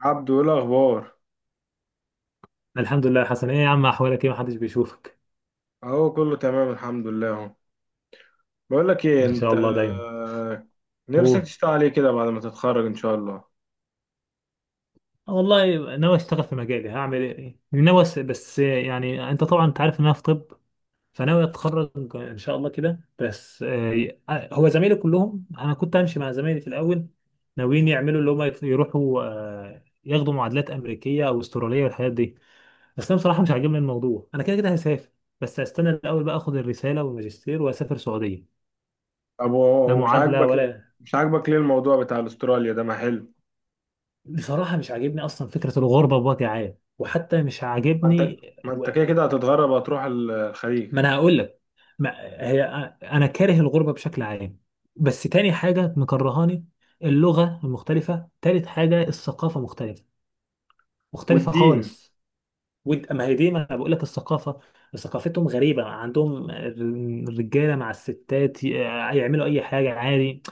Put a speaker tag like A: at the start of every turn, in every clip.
A: عبدو، ايه الاخبار؟
B: الحمد لله يا حسن، ايه يا عم، احوالك ايه؟ محدش بيشوفك.
A: اهو كله تمام الحمد لله اهو. بقول لك ايه،
B: ان شاء
A: انت
B: الله دايما.
A: نفسك
B: هو
A: تشتغل عليه كده بعد ما تتخرج ان شاء الله؟
B: والله ناوي اشتغل في مجالي، هعمل ايه، ناوي. بس يعني انت طبعا انت عارف ان انا في طب، فناوي اتخرج ان شاء الله كده. بس هو زمايلي كلهم، انا كنت همشي مع زمايلي في الاول. ناويين يعملوا اللي هم يروحوا ياخدوا معادلات امريكيه او استراليه والحاجات دي. بس انا بصراحه مش عاجبني الموضوع، انا كده كده هسافر، بس هستنى الاول بقى اخد الرساله والماجستير واسافر سعوديه.
A: طب
B: لا
A: ومش
B: معادله
A: عاجبك.
B: ولا.
A: مش عاجبك ليه الموضوع بتاع استراليا ده؟ ما حلو.
B: بصراحة مش عاجبني أصلا فكرة الغربة بوجه عام، وحتى مش
A: ما انت
B: عاجبني.
A: ما
B: و...
A: انت كده كده هتتغرب، هتروح الخليج.
B: ما أنا هقول لك. ما... هي، أنا كاره الغربة بشكل عام. بس تاني حاجة مكرهاني اللغة المختلفة، تالت حاجة الثقافة مختلفة، مختلفة
A: والدين.
B: خالص. وانت ما هي دي، ما انا بقول لك، الثقافه ثقافتهم غريبه، عندهم الرجاله مع الستات يعملوا اي حاجه عادي.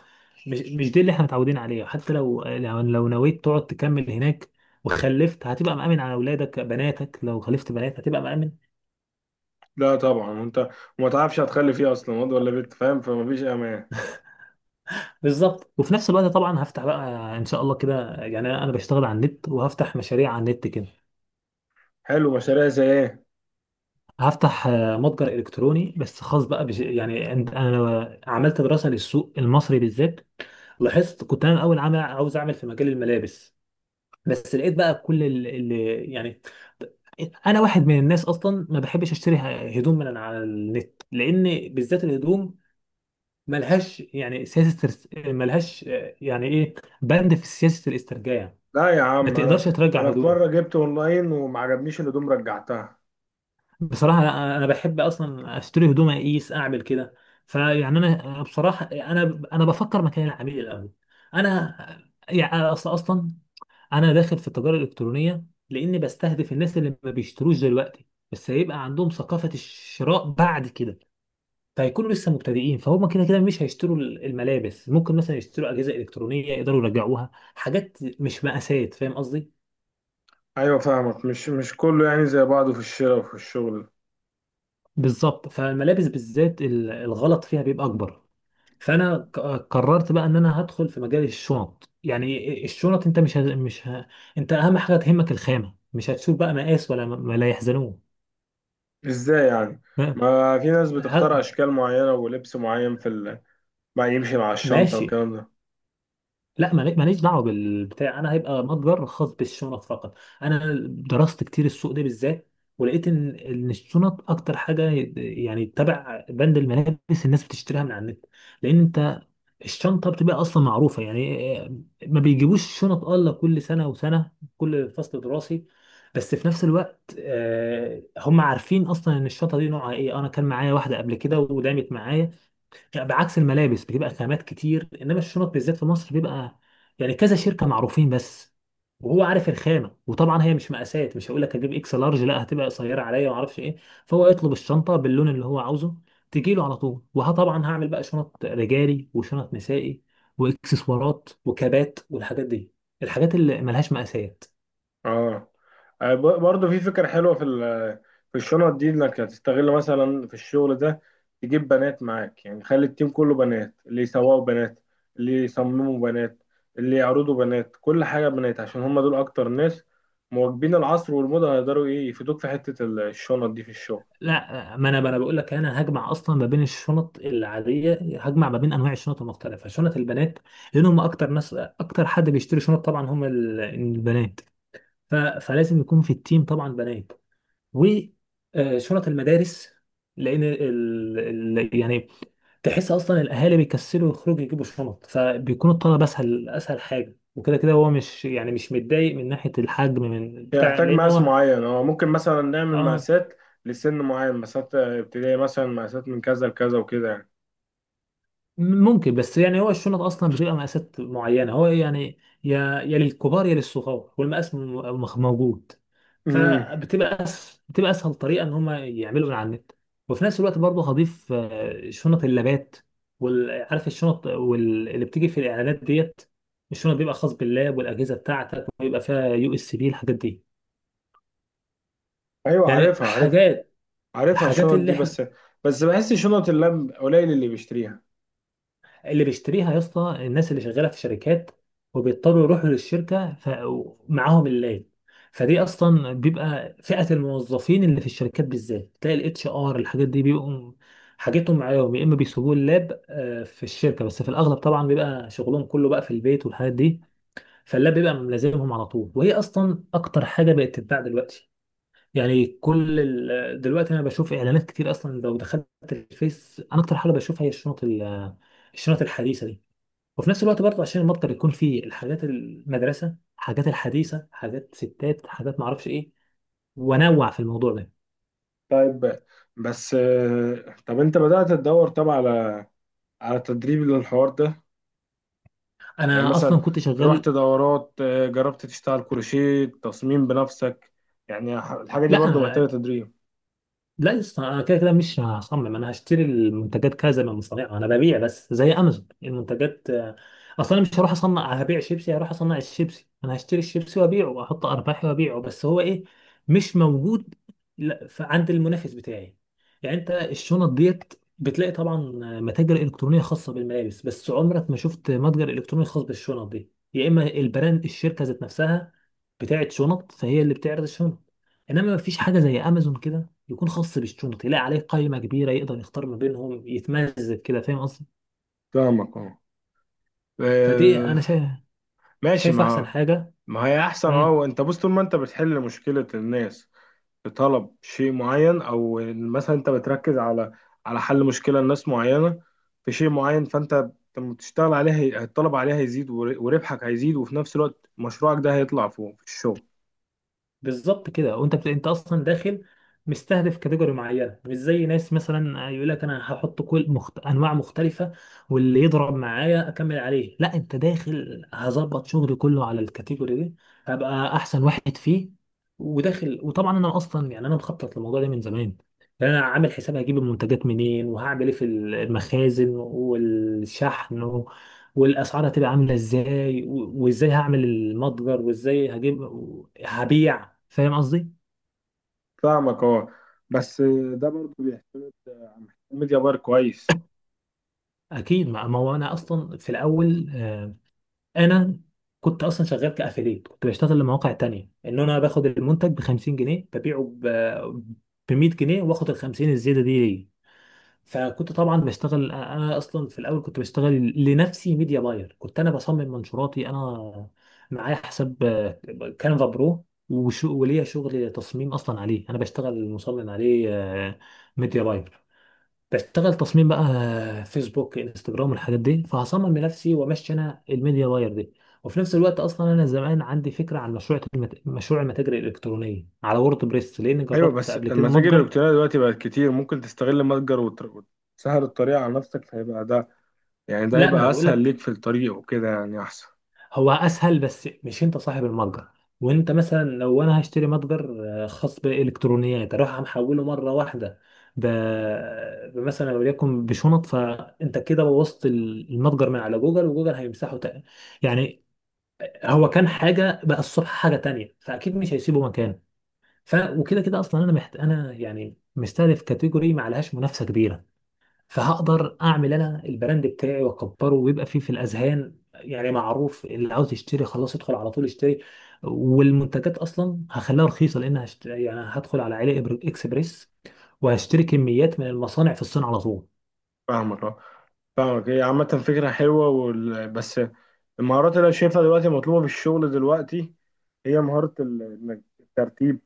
B: مش دي اللي احنا متعودين عليها. حتى لو نويت تقعد تكمل هناك وخلفت، هتبقى مأمن على اولادك؟ بناتك لو خلفت بنات هتبقى مأمن؟
A: لا طبعا. وانت وما تعرفش هتخلي فيه اصلا واد ولا بنت، فاهم؟ فما فيش امان.
B: بالظبط. وفي نفس الوقت طبعا هفتح بقى ان شاء الله كده، يعني انا بشتغل على النت، وهفتح مشاريع على النت كده.
A: حلو، مشاريع زي ايه؟
B: هفتح متجر الكتروني، بس خاص بقى انا عملت دراسه للسوق المصري بالذات. لاحظت، كنت انا الاول عامل عاوز اعمل في مجال الملابس، بس لقيت بقى كل اللي يعني، انا واحد من الناس اصلا ما بحبش اشتري هدوم من على النت، لان بالذات الهدوم ملهاش يعني سياسه ملهاش يعني ايه، بند في سياسه الاسترجاع،
A: لا يا
B: ما
A: عم،
B: تقدرش
A: انا
B: ترجع
A: انا في
B: هدوم.
A: مره جبت اونلاين وما عجبنيش الهدوم رجعتها.
B: بصراحه انا بحب اصلا اشتري هدوم اقيس اعمل كده. فيعني انا بصراحه انا بفكر مكان العميل الاول. انا يعني أصل اصلا انا داخل في التجاره الالكترونيه لاني بستهدف الناس اللي ما بيشتروش دلوقتي، بس هيبقى عندهم ثقافه الشراء بعد كده. فهيكونوا لسه مبتدئين، فهم كده كده مش هيشتروا الملابس، ممكن مثلا يشتروا اجهزه الكترونيه يقدروا يرجعوها، حاجات مش مقاسات. فاهم قصدي؟
A: ايوه فاهمك. مش كله يعني زي بعضه في الشراء وفي الشغل.
B: بالظبط. فالملابس بالذات الغلط فيها بيبقى اكبر. فانا ك- قررت بقى ان انا هدخل في مجال الشنط. يعني الشنط انت مش ه... مش ه... انت اهم حاجه تهمك الخامه، مش هتشوف بقى مقاس ولا لا يحزنون.
A: ازاي يعني؟ ما في ناس بتختار اشكال معينه ولبس معين ما يمشي مع الشنطه
B: ماشي.
A: والكلام ده.
B: لا ماليش دعوه بالبتاع، انا هيبقى متجر خاص بالشنط فقط. انا درست كتير السوق ده بالذات، ولقيت ان الشنط اكتر حاجه يعني تبع بند الملابس الناس بتشتريها من على النت، لان انت الشنطه بتبقى اصلا معروفه يعني ما بيجيبوش شنط الا كل سنه وسنه، كل فصل دراسي. بس في نفس الوقت هم عارفين اصلا ان الشنطه دي نوعها ايه. انا كان معايا واحده قبل كده ودامت معايا. بعكس الملابس بتبقى خامات كتير، انما الشنط بالذات في مصر بيبقى يعني كذا شركه معروفين بس، وهو عارف الخامه. وطبعا هي مش مقاسات، مش هقول لك هجيب اكس لارج، لا، هتبقى قصيره عليا وما اعرفش ايه. فهو يطلب الشنطه باللون اللي هو عاوزه تجي له على طول. وطبعا هعمل بقى شنط رجالي وشنط نسائي واكسسوارات وكبات والحاجات دي، الحاجات اللي ملهاش مقاسات.
A: اه. برضه في فكره حلوه في الشنط دي، انك هتستغل مثلا في الشغل ده، تجيب بنات معاك. يعني خلي التيم كله بنات، اللي يسوقوا بنات، اللي يصمموا بنات، اللي يعرضوا بنات، كل حاجه بنات، عشان هم دول اكتر ناس مواكبين العصر والموضه، هيقدروا ايه يفيدوك في حته الشنط دي في الشغل.
B: لا ما انا بقول لك انا هجمع اصلا ما بين الشنط العاديه، هجمع ما بين انواع الشنط المختلفه، شنط البنات، لان هم اكتر ناس، اكتر حد بيشتري شنط طبعا هم البنات. فلازم يكون في التيم طبعا بنات. وشنط المدارس، لان يعني تحس اصلا الاهالي بيكسلوا يخرجوا يجيبوا شنط، فبيكون الطلب اسهل، اسهل حاجه. وكده كده هو مش يعني مش متضايق من ناحيه الحجم من بتاع،
A: يحتاج
B: لان
A: مقاس
B: هو،
A: معين، هو ممكن مثلا نعمل
B: اه،
A: مقاسات لسن معين، مقاسات ابتدائي مثلا، مقاسات من كذا لكذا وكده يعني.
B: ممكن. بس يعني هو الشنط اصلا بتبقى مقاسات معينه، هو يعني يا للكبار يا للصغار، والمقاس موجود.
A: امم.
B: فبتبقى بتبقى اسهل طريقه ان هم يعملوا من على النت. وفي نفس الوقت برضه هضيف شنط اللابات، وعارف الشنط اللي بتيجي في الاعلانات ديت، الشنط بيبقى خاص باللاب والاجهزه بتاعتك، ويبقى فيها يو اس بي الحاجات دي.
A: ايوه
B: يعني
A: عارفها عارفها.
B: حاجات،
A: عارفها
B: حاجات
A: الشنط
B: اللي
A: دي.
B: احنا،
A: بس بحس شنط اللاب قليل اللي بيشتريها.
B: اللي بيشتريها يا اسطى الناس اللي شغاله في شركات وبيضطروا يروحوا للشركه معاهم اللاب. فدي اصلا بيبقى فئه الموظفين اللي في الشركات بالذات، تلاقي الاتش ار الحاجات دي بيبقوا حاجتهم معاهم، يا اما بيسيبوه اللاب في الشركه، بس في الاغلب طبعا بيبقى شغلهم كله بقى في البيت والحاجات دي. فاللاب بيبقى ملازمهم على طول، وهي اصلا اكتر حاجه بقت تتباع دلوقتي. يعني دلوقتي انا بشوف اعلانات كتير اصلا، لو دخلت الفيس انا اكتر حاجه بشوفها هي الشنط الحديثه دي. وفي نفس الوقت برضه عشان المتجر يكون فيه الحاجات، المدرسه، حاجات الحديثه، حاجات ستات، حاجات معرفش ايه، وانوع في الموضوع ده.
A: طيب. بس طب انت بدأت تدور طبعا على تدريب للحوار ده؟ يعني
B: انا
A: مثلا
B: اصلا كنت
A: رحت
B: شغال.
A: دورات، جربت تشتغل كروشيه، تصميم بنفسك؟ يعني الحاجة دي
B: لا.
A: برضو محتاجة تدريب.
B: لا يا اسطى، انا كده كده مش هصمم، انا هشتري المنتجات كذا من مصانع، انا ببيع بس زي امازون المنتجات اصلا. أنا مش هروح اصنع، هبيع شيبسي هروح اصنع الشيبسي؟ انا هشتري الشيبسي وابيعه واحط ارباحي وابيعه. بس هو ايه، مش موجود، لا عند المنافس بتاعي. يعني انت الشنط ديت بتلاقي طبعا متاجر الكترونيه خاصه بالملابس، بس عمرك ما شفت متجر الكتروني خاص بالشنط دي، يا اما البراند الشركه ذات نفسها بتاعت شنط فهي اللي بتعرض الشنط. انما مفيش حاجه زي امازون كده يكون خاص بالشنط، يلاقي عليه قائمة كبيرة يقدر يختار ما بينهم يتمزج كده. فاهم قصدي؟
A: فاهمك اه.
B: فدي
A: آه،
B: انا شايف،
A: ماشي.
B: شايف احسن
A: ما
B: حاجة.
A: ما هي احسن. اه.
B: مم.
A: وانت بص، طول ما انت بتحل مشكلة الناس بطلب شيء معين، او إن مثلا انت بتركز على حل مشكلة لناس معينة في شيء معين، فانت لما بتشتغل عليها الطلب عليها هيزيد وربحك هيزيد، وفي نفس الوقت مشروعك ده هيطلع فوق في الشغل.
B: بالظبط كده. وانت انت اصلا داخل مستهدف كاتيجوري معينه، مش زي ناس مثلا يقول لك انا هحط انواع مختلفه واللي يضرب معايا اكمل عليه. لا، انت داخل هظبط شغلي كله على الكاتيجوري دي، هبقى احسن واحد فيه. وداخل، وطبعا انا اصلا يعني انا مخطط للموضوع ده من زمان. يعني انا عامل حساب هجيب المنتجات منين، وهعمل ايه في المخازن والشحن، والاسعار هتبقى عامله ازاي، وازاي هعمل المتجر، وازاي هجيب هبيع. فاهم قصدي؟
A: فاهمك اه. بس ده برضه بيحتاج ميديا بار كويس.
B: اكيد. ما هو انا اصلا في الاول انا كنت اصلا شغال كافيليت، كنت بشتغل لمواقع تانية ان انا باخد المنتج ب 50 جنيه ببيعه ب 100 جنيه، واخد ال 50 الزياده دي. فكنت طبعا بشتغل، انا اصلا في الاول كنت بشتغل لنفسي ميديا باير، كنت انا بصمم منشوراتي انا، معايا حساب كانفا برو وليا شغل تصميم اصلا عليه، انا بشتغل مصمم عليه ميديا باير. بشتغل تصميم بقى فيسبوك، انستجرام، الحاجات دي، فهصمم لنفسي وامشي انا الميديا باير دي. وفي نفس الوقت اصلا انا زمان عندي فكره عن مشروع المتاجر الالكترونيه على وورد بريس، لان
A: ايوه
B: جربت
A: بس
B: قبل كده
A: المتاجر
B: متجر.
A: الالكترونية دلوقتي بقت كتير، ممكن تستغل متجر وتسهل الطريق على نفسك، فهيبقى ده، يعني ده
B: لا ما انا
A: هيبقى
B: بقول
A: اسهل
B: لك،
A: ليك في الطريق وكده يعني احسن.
B: هو اسهل بس مش انت صاحب المتجر. وانت مثلا لو انا هشتري متجر خاص بالالكترونيات اروح محوله مره واحده ب... مثلا وليكن بشنط، فانت كده بوظت المتجر من على جوجل، وجوجل هيمسحه تاني. يعني هو كان حاجه بقى الصبح حاجه تانية، فاكيد مش هيسيبه مكان. ف، وكده كده اصلا انا يعني مستهدف كاتيجوري ما عليهاش منافسه كبيره، فهقدر اعمل انا البراند بتاعي واكبره ويبقى فيه في الاذهان، يعني معروف، اللي عاوز يشتري خلاص يدخل على طول يشتري. والمنتجات اصلا هخليها رخيصه، لان يعني هدخل على علي اكسبريس وهشتري كميات من المصانع في الصين على طول.
A: فاهمك اه. فاهمك، هي عامة فكرة حلوة بس المهارات اللي أنا شايفها دلوقتي مطلوبة في الشغل دلوقتي هي مهارة إنك الترتيب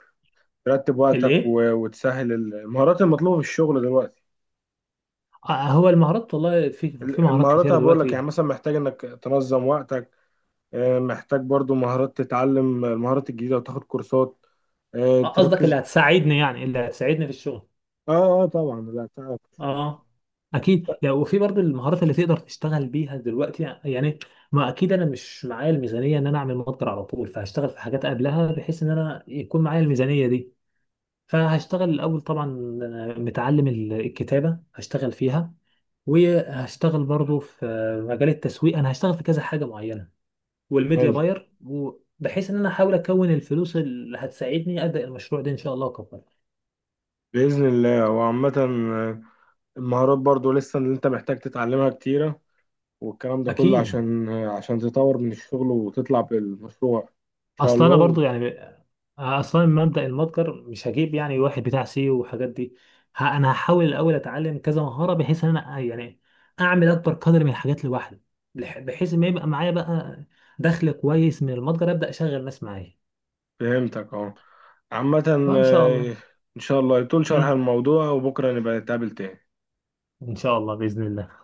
A: ترتب وقتك
B: الايه؟
A: وتسهل المهارات المطلوبة في الشغل دلوقتي.
B: هو المهارات، والله في في مهارات
A: المهارات،
B: كتيره
A: أنا بقول لك يعني
B: دلوقتي.
A: مثلا محتاج إنك تنظم وقتك، محتاج برضو مهارات، تتعلم المهارات الجديدة وتاخد كورسات،
B: قصدك اللي
A: تركز.
B: هتساعدني يعني، اللي هتساعدني في الشغل.
A: اه. اه طبعا، لا تعرف.
B: اه. اكيد. يعني وفي برضه المهارات اللي تقدر تشتغل بيها دلوقتي، يعني ما اكيد انا مش معايا الميزانيه ان انا اعمل ماستر على طول، فهشتغل في حاجات قبلها بحيث ان انا يكون معايا الميزانيه دي. فهشتغل الاول طبعا، متعلم الكتابه هشتغل فيها، وهشتغل برضه في مجال التسويق، انا هشتغل في كذا حاجه معينه، والميديا
A: حلو.
B: باير، بحيث ان انا احاول اكون الفلوس اللي هتساعدني ابدا المشروع ده ان شاء الله اكبر.
A: بإذن الله. وعامة المهارات برضو لسه اللي انت محتاج تتعلمها كتيرة، والكلام ده كله
B: اكيد.
A: عشان تطور من الشغل وتطلع بالمشروع ان شاء
B: اصل
A: الله
B: انا برضو يعني اصلا من مبدأ المتجر مش هجيب يعني واحد بتاع سيو والحاجات دي، انا هحاول الاول اتعلم كذا مهارة بحيث ان انا يعني اعمل اكبر قدر من الحاجات لوحدي، بحيث ما يبقى معايا بقى دخل كويس من المتجر ابدأ اشغل ناس معايا.
A: فهمتك اه. عامة
B: فان شاء الله.
A: ان شاء الله يطول شرح
B: امم
A: الموضوع وبكرة نبقى نتقابل تاني.
B: ان شاء الله بإذن الله.